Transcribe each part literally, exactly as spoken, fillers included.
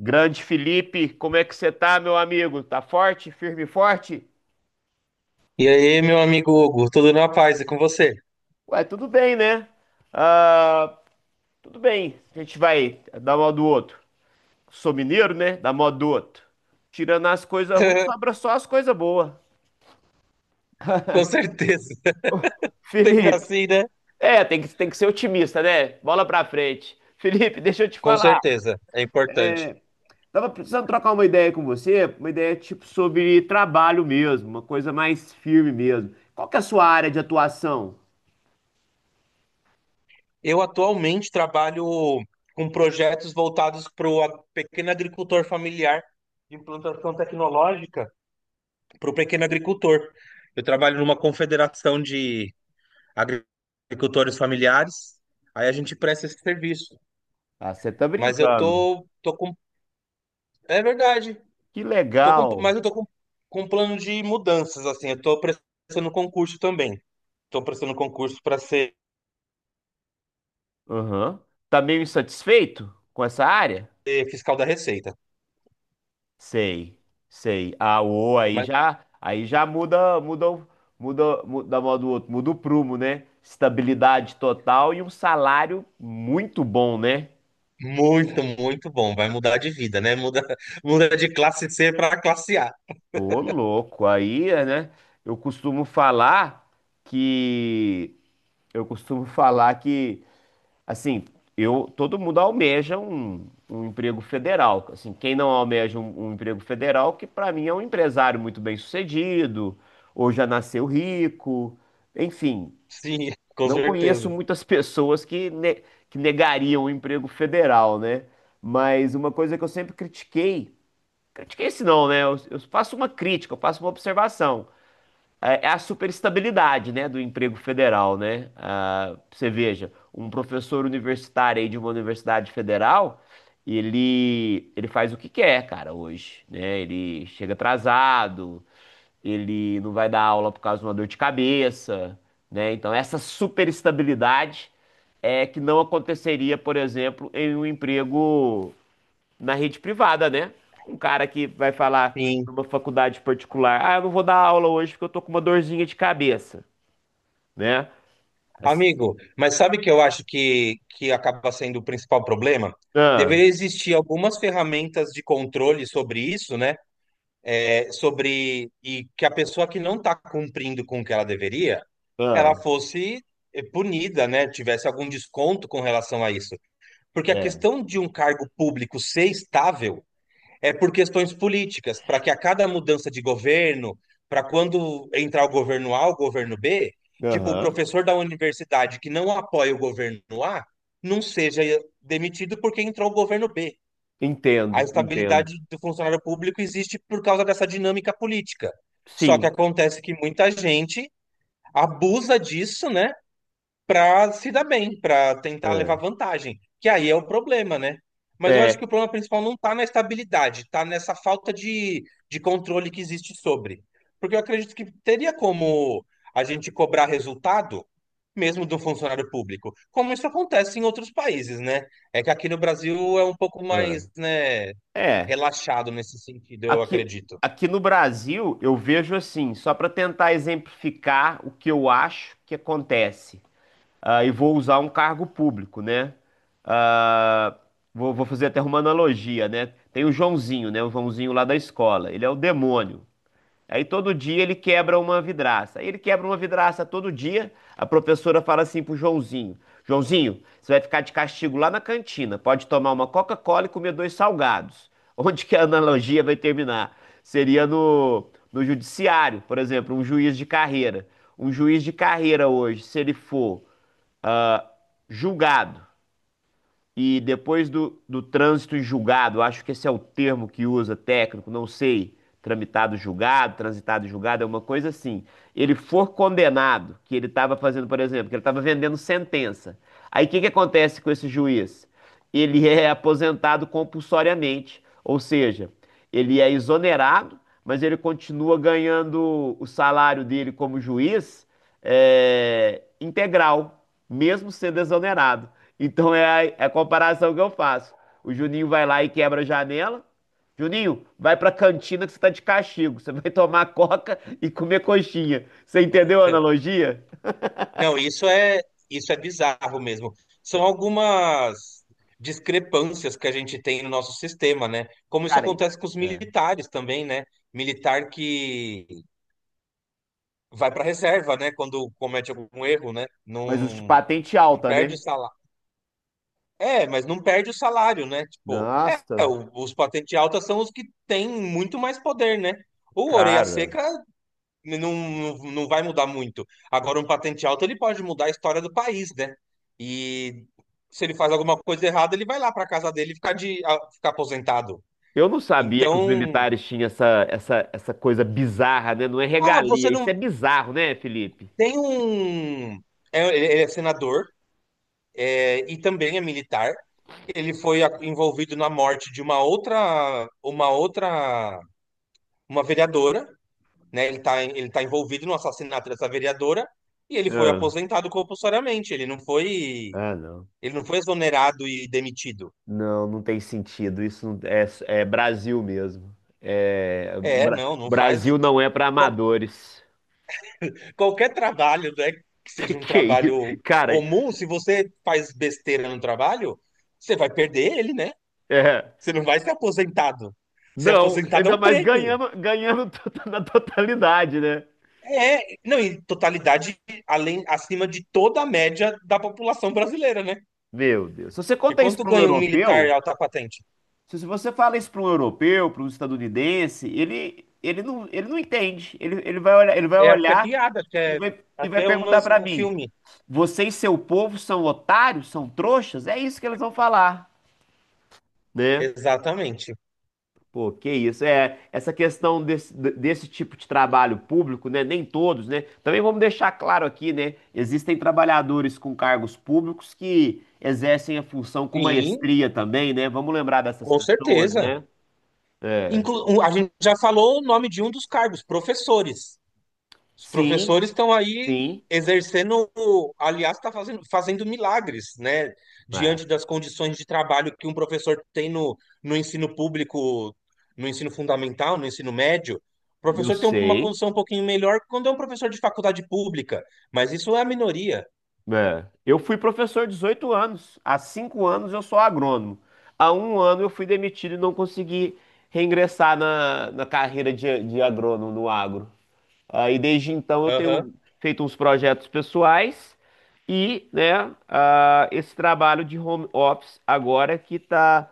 Grande Felipe, como é que você tá, meu amigo? Tá forte, firme e forte? E aí, meu amigo Hugo, tudo na paz e com você? Ué, tudo bem, né? Ah, tudo bem. A gente vai dar mal do outro. Sou mineiro, né? Dar mal do outro. Tirando as coisas ruins, sobra só as coisas boas. Com certeza. Sempre Felipe, assim, né? é, tem que, tem que ser otimista, né? Bola pra frente. Felipe, deixa eu te Com falar. certeza, é importante. É, tava precisando trocar uma ideia com você, uma ideia tipo sobre trabalho mesmo, uma coisa mais firme mesmo. Qual que é a sua área de atuação? Eu atualmente trabalho com projetos voltados para o pequeno agricultor familiar de implantação tecnológica para o pequeno agricultor. Eu trabalho numa confederação de agri- agricultores familiares, aí a gente presta esse serviço. Ah, você tá Mas eu brincando. tô, tô com. É verdade. Que Tô com, legal. mas eu tô com, com um plano de mudanças, assim. Eu tô prestando concurso também. Tô prestando concurso para ser Aham. Tá meio insatisfeito com essa área? fiscal da Receita. Sei, sei. Ah, o aí Mas já, aí já muda, muda, o- muda, muda a mão do outro, muda o prumo, né? Estabilidade total e um salário muito bom, né? muito, muito bom. Vai mudar de vida, né? Muda, muda de classe cê para classe á. Ô, louco, aí, é, né? Eu costumo falar que eu costumo falar que Assim, eu, todo mundo almeja um, um emprego federal. Assim, quem não almeja um, um emprego federal, que para mim é um empresário muito bem-sucedido, ou já nasceu rico, enfim, Sim, com não certeza. conheço muitas pessoas que, ne- que negariam o emprego federal, né? Mas uma coisa que eu sempre critiquei, critiquei se não, né? Eu, eu faço uma crítica, eu faço uma observação. É é a superestabilidade, né, do emprego federal, né? Ah, você veja, um professor universitário aí de uma universidade federal, ele, ele faz o que quer, cara, hoje, né? Ele chega atrasado, ele não vai dar aula por causa de uma dor de cabeça, né? Então, essa superestabilidade é que não aconteceria, por exemplo, em um emprego na rede privada, né? Um cara que vai falar Sim. numa faculdade particular, ah, eu não vou dar aula hoje porque eu tô com uma dorzinha de cabeça, né? Assim, Amigo, mas sabe que eu acho que, que acaba sendo o principal problema? ah, Deveria existir algumas ferramentas de controle sobre isso, né? É, sobre e que a pessoa que não está cumprindo com o que ela deveria, ela ah, fosse eh, punida, né? Tivesse algum desconto com relação a isso. Porque a é. questão de um cargo público ser estável é por questões políticas, para que a cada mudança de governo, para quando entrar o governo á, o governo bê, tipo, o Aham. professor da universidade que não apoia o governo á não seja demitido porque entrou o governo bê. A Entendo, entendo. estabilidade do funcionário público existe por causa dessa dinâmica política. Só que Sim. acontece que muita gente abusa disso, né, para se dar bem, para tentar levar É. vantagem, que aí é o problema, né? Mas eu acho É. que o problema principal não está na estabilidade, está nessa falta de, de controle que existe sobre. Porque eu acredito que teria como a gente cobrar resultado, mesmo do funcionário público, como isso acontece em outros países, né? É que aqui no Brasil é um pouco mais, É. né, É. relaxado nesse sentido, eu Aqui, acredito. aqui no Brasil, eu vejo assim, só para tentar exemplificar o que eu acho que acontece. Ah, e vou usar um cargo público, né? Ah, vou, vou fazer até uma analogia, né? Tem o Joãozinho, né? O Joãozinho lá da escola. Ele é o demônio. Aí todo dia ele quebra uma vidraça. Aí ele quebra uma vidraça todo dia. A professora fala assim pro Joãozinho: Joãozinho, você vai ficar de castigo lá na cantina. Pode tomar uma Coca-Cola e comer dois salgados. Onde que a analogia vai terminar? Seria no, no judiciário, por exemplo, um juiz de carreira. Um juiz de carreira hoje, se ele for ah, julgado. E depois do, do trânsito em julgado, acho que esse é o termo que usa técnico, não sei, tramitado julgado, transitado em julgado, é uma coisa assim. Ele for condenado, que ele estava fazendo, por exemplo, que ele estava vendendo sentença. Aí o que que acontece com esse juiz? Ele é aposentado compulsoriamente, ou seja, ele é exonerado, mas ele continua ganhando o salário dele como juiz é, integral mesmo sendo exonerado. Então é a, é a comparação que eu faço. O Juninho vai lá e quebra a janela. Juninho, vai pra cantina que você tá de castigo. Você vai tomar coca e comer coxinha. Você entendeu a analogia? Não, isso é isso é bizarro mesmo. São algumas discrepâncias que a gente tem no nosso sistema, né? Como isso Cara, é. acontece com os militares também, né? Militar que vai para reserva, né? Quando comete algum erro, né? Mas os de Não, patente não alta, perde o né? salário. É, mas não perde o salário, né? Tipo, é, Nossa. o- os patente alta são os que têm muito mais poder, né? O orelha Cara, seca não, não, não vai mudar muito. Agora, um patente alto, ele pode mudar a história do país, né? E se ele faz alguma coisa errada, ele vai lá para casa dele ficar de a- ficar aposentado. eu não sabia que os Então, militares tinham essa, essa, essa coisa bizarra, né? Não é ah, você regalia. Isso não é bizarro, né, Felipe? tem um. É- ele ele é senador, é, e também é militar. Ele foi a- envolvido na morte de uma outra, uma outra, uma vereadora, né? Ele tá, ele tá envolvido no assassinato dessa vereadora. E ele foi Ah. aposentado compulsoriamente. Ele não foi. Ah, não. Ele não foi exonerado e demitido. Não, não tem sentido. Isso não- é, é Brasil mesmo. É, É, Bra- não, não faz. Brasil não é para Qual- amadores. Qualquer trabalho, né, que Que seja um que é isso? trabalho Cara, comum, se você faz besteira no trabalho, você vai perder ele, né? é, Você não vai ser aposentado. Ser não, aposentado é ainda um mais prêmio. ganhando, ganhando to- na totalidade, né? É, não, em totalidade, além, acima de toda a média da população brasileira, né? Meu Deus. Se você E conta isso quanto para um ganha um europeu, militar alta patente? se se você fala isso para um europeu, para um estadunidense, ele, ele não, ele não entende. Ele, ele vai olhar, ele vai É, acho que é olhar piada, acho que e é, vai, e acho que vai é perguntar umas- para um mim: filme. vocês, seu povo, são otários, são trouxas? É isso que eles vão falar. Né? Exatamente. Pô, que isso. É, essa questão desse, desse tipo de trabalho público, né? Nem todos, né? Também vamos deixar claro aqui, né? Existem trabalhadores com cargos públicos que exercem a função com Sim, maestria também, né? Vamos lembrar dessas com pessoas, certeza. né? É. Inclu- um- a gente já falou o nome de um dos cargos, professores. Os Sim, professores estão aí sim. exercendo, aliás, está fazendo, fazendo, milagres, né? É. Diante das condições de trabalho que um professor tem no, no ensino público, no ensino fundamental, no ensino médio. O Eu professor tem uma sei. condição um pouquinho melhor quando é um professor de faculdade pública, mas isso é a minoria. É. Eu fui professor dezoito anos. Há cinco anos eu sou agrônomo. Há um ano eu fui demitido e não consegui reingressar na, na carreira de, de agrônomo no agro. Aí desde então eu tenho feito uns projetos pessoais e, né, ah, esse trabalho de home office agora que tá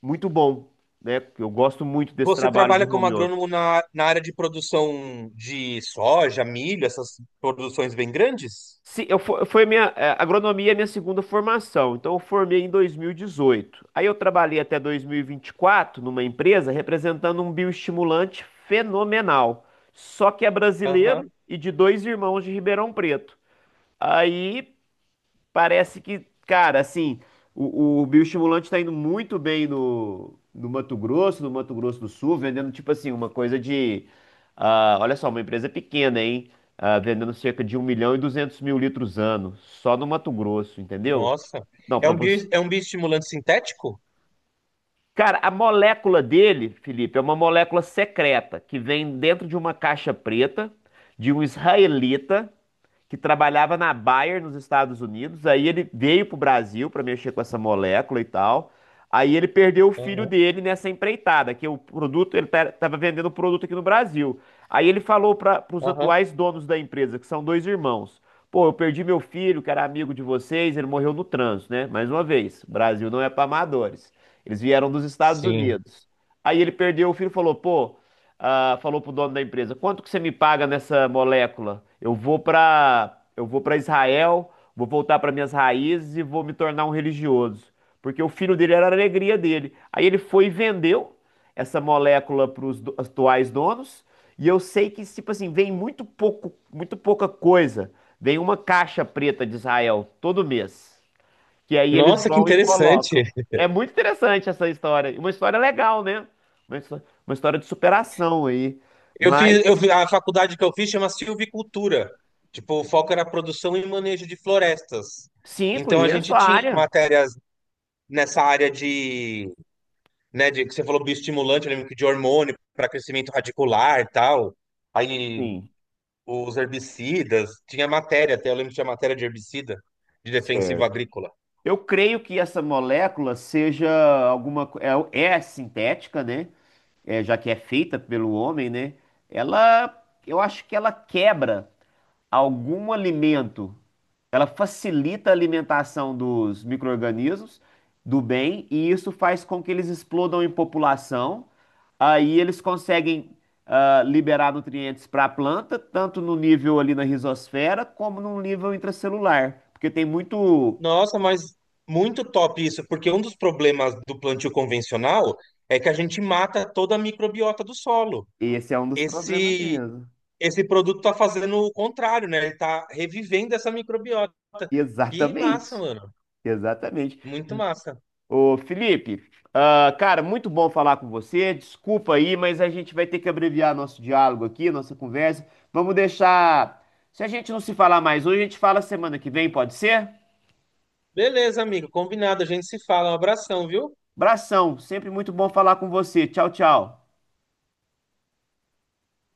muito bom, né? Eu gosto muito desse Você trabalho de trabalha como home office. agrônomo na, na área de produção de soja, milho, essas produções bem grandes? Se eu fo- Foi minha eh, agronomia é minha segunda formação, então eu formei em dois mil e dezoito. Aí eu trabalhei até dois mil e vinte e quatro numa empresa representando um bioestimulante fenomenal, só que é Aham. brasileiro e de dois irmãos de Ribeirão Preto. Aí parece que, cara, assim, o, o bioestimulante está indo muito bem no, no Mato Grosso, no Mato Grosso do Sul, vendendo tipo assim, uma coisa de. Ah, olha só, uma empresa pequena, hein? Ah, vendendo cerca de um milhão e duzentos mil litros ano, só no Mato Grosso, entendeu? Nossa. Não, É para um você. bio, é um bioestimulante sintético? Cara, a molécula dele, Felipe, é uma molécula secreta que vem dentro de uma caixa preta de um israelita que trabalhava na Bayer nos Estados Unidos. Aí ele veio pro Brasil para mexer com essa molécula e tal. Aí ele perdeu o filho Aham, dele nessa empreitada, que o produto, ele estava vendendo o produto aqui no Brasil. Aí ele falou para os aham. atuais donos da empresa, que são dois irmãos. Pô, eu perdi meu filho, que era amigo de vocês, ele morreu no trânsito, né? Mais uma vez, o Brasil não é para amadores. Eles vieram dos Estados Sim. Unidos. Aí ele perdeu, o filho e falou, pô, ah, falou pro dono da empresa, quanto que você me paga nessa molécula? Eu vou pra, eu vou para Israel, vou voltar para minhas raízes e vou me tornar um religioso, porque o filho dele era a alegria dele. Aí ele foi e vendeu essa molécula para os atuais donos, e eu sei que tipo assim, vem muito pouco, muito pouca coisa. Vem uma caixa preta de Israel todo mês. Que aí eles Nossa, que vão e interessante. colocam. É muito interessante essa história. E uma história legal, né? Uma, histó- uma história de superação aí. Eu Mas, fiz, eu fi- A faculdade que eu fiz chama Silvicultura. Tipo, o foco era produção e manejo de florestas. sim, Então a conheço gente a tinha área. matérias nessa área de, né, de que você falou bioestimulante, eu lembro que de hormônio para crescimento radicular, e tal. Aí Sim, os herbicidas, tinha matéria até, eu lembro que tinha matéria de herbicida, de defensivo certo. agrícola. Eu creio que essa molécula seja alguma. co- É, é sintética, né? É, já que é feita pelo homem, né? Ela. Eu acho que ela quebra algum alimento. Ela facilita a alimentação dos micro-organismos do bem e isso faz com que eles explodam em população. Aí eles conseguem ah, liberar nutrientes para a planta, tanto no nível ali na rizosfera, como no nível intracelular. Porque tem muito. Nossa, mas muito top isso, porque um dos problemas do plantio convencional é que a gente mata toda a microbiota do solo. Esse é um dos problemas Esse mesmo. Esse produto tá fazendo o contrário, né? Ele tá revivendo essa microbiota. Que massa, Exatamente. mano. Exatamente. Muito massa. Ô, Felipe, ah, cara, muito bom falar com você. Desculpa aí, mas a gente vai ter que abreviar nosso diálogo aqui, nossa conversa. Vamos deixar. Se a gente não se falar mais hoje, a gente fala semana que vem, pode ser? Beleza, amigo. Combinado. A gente se fala. Um abração, viu? Abração, sempre muito bom falar com você. Tchau, tchau.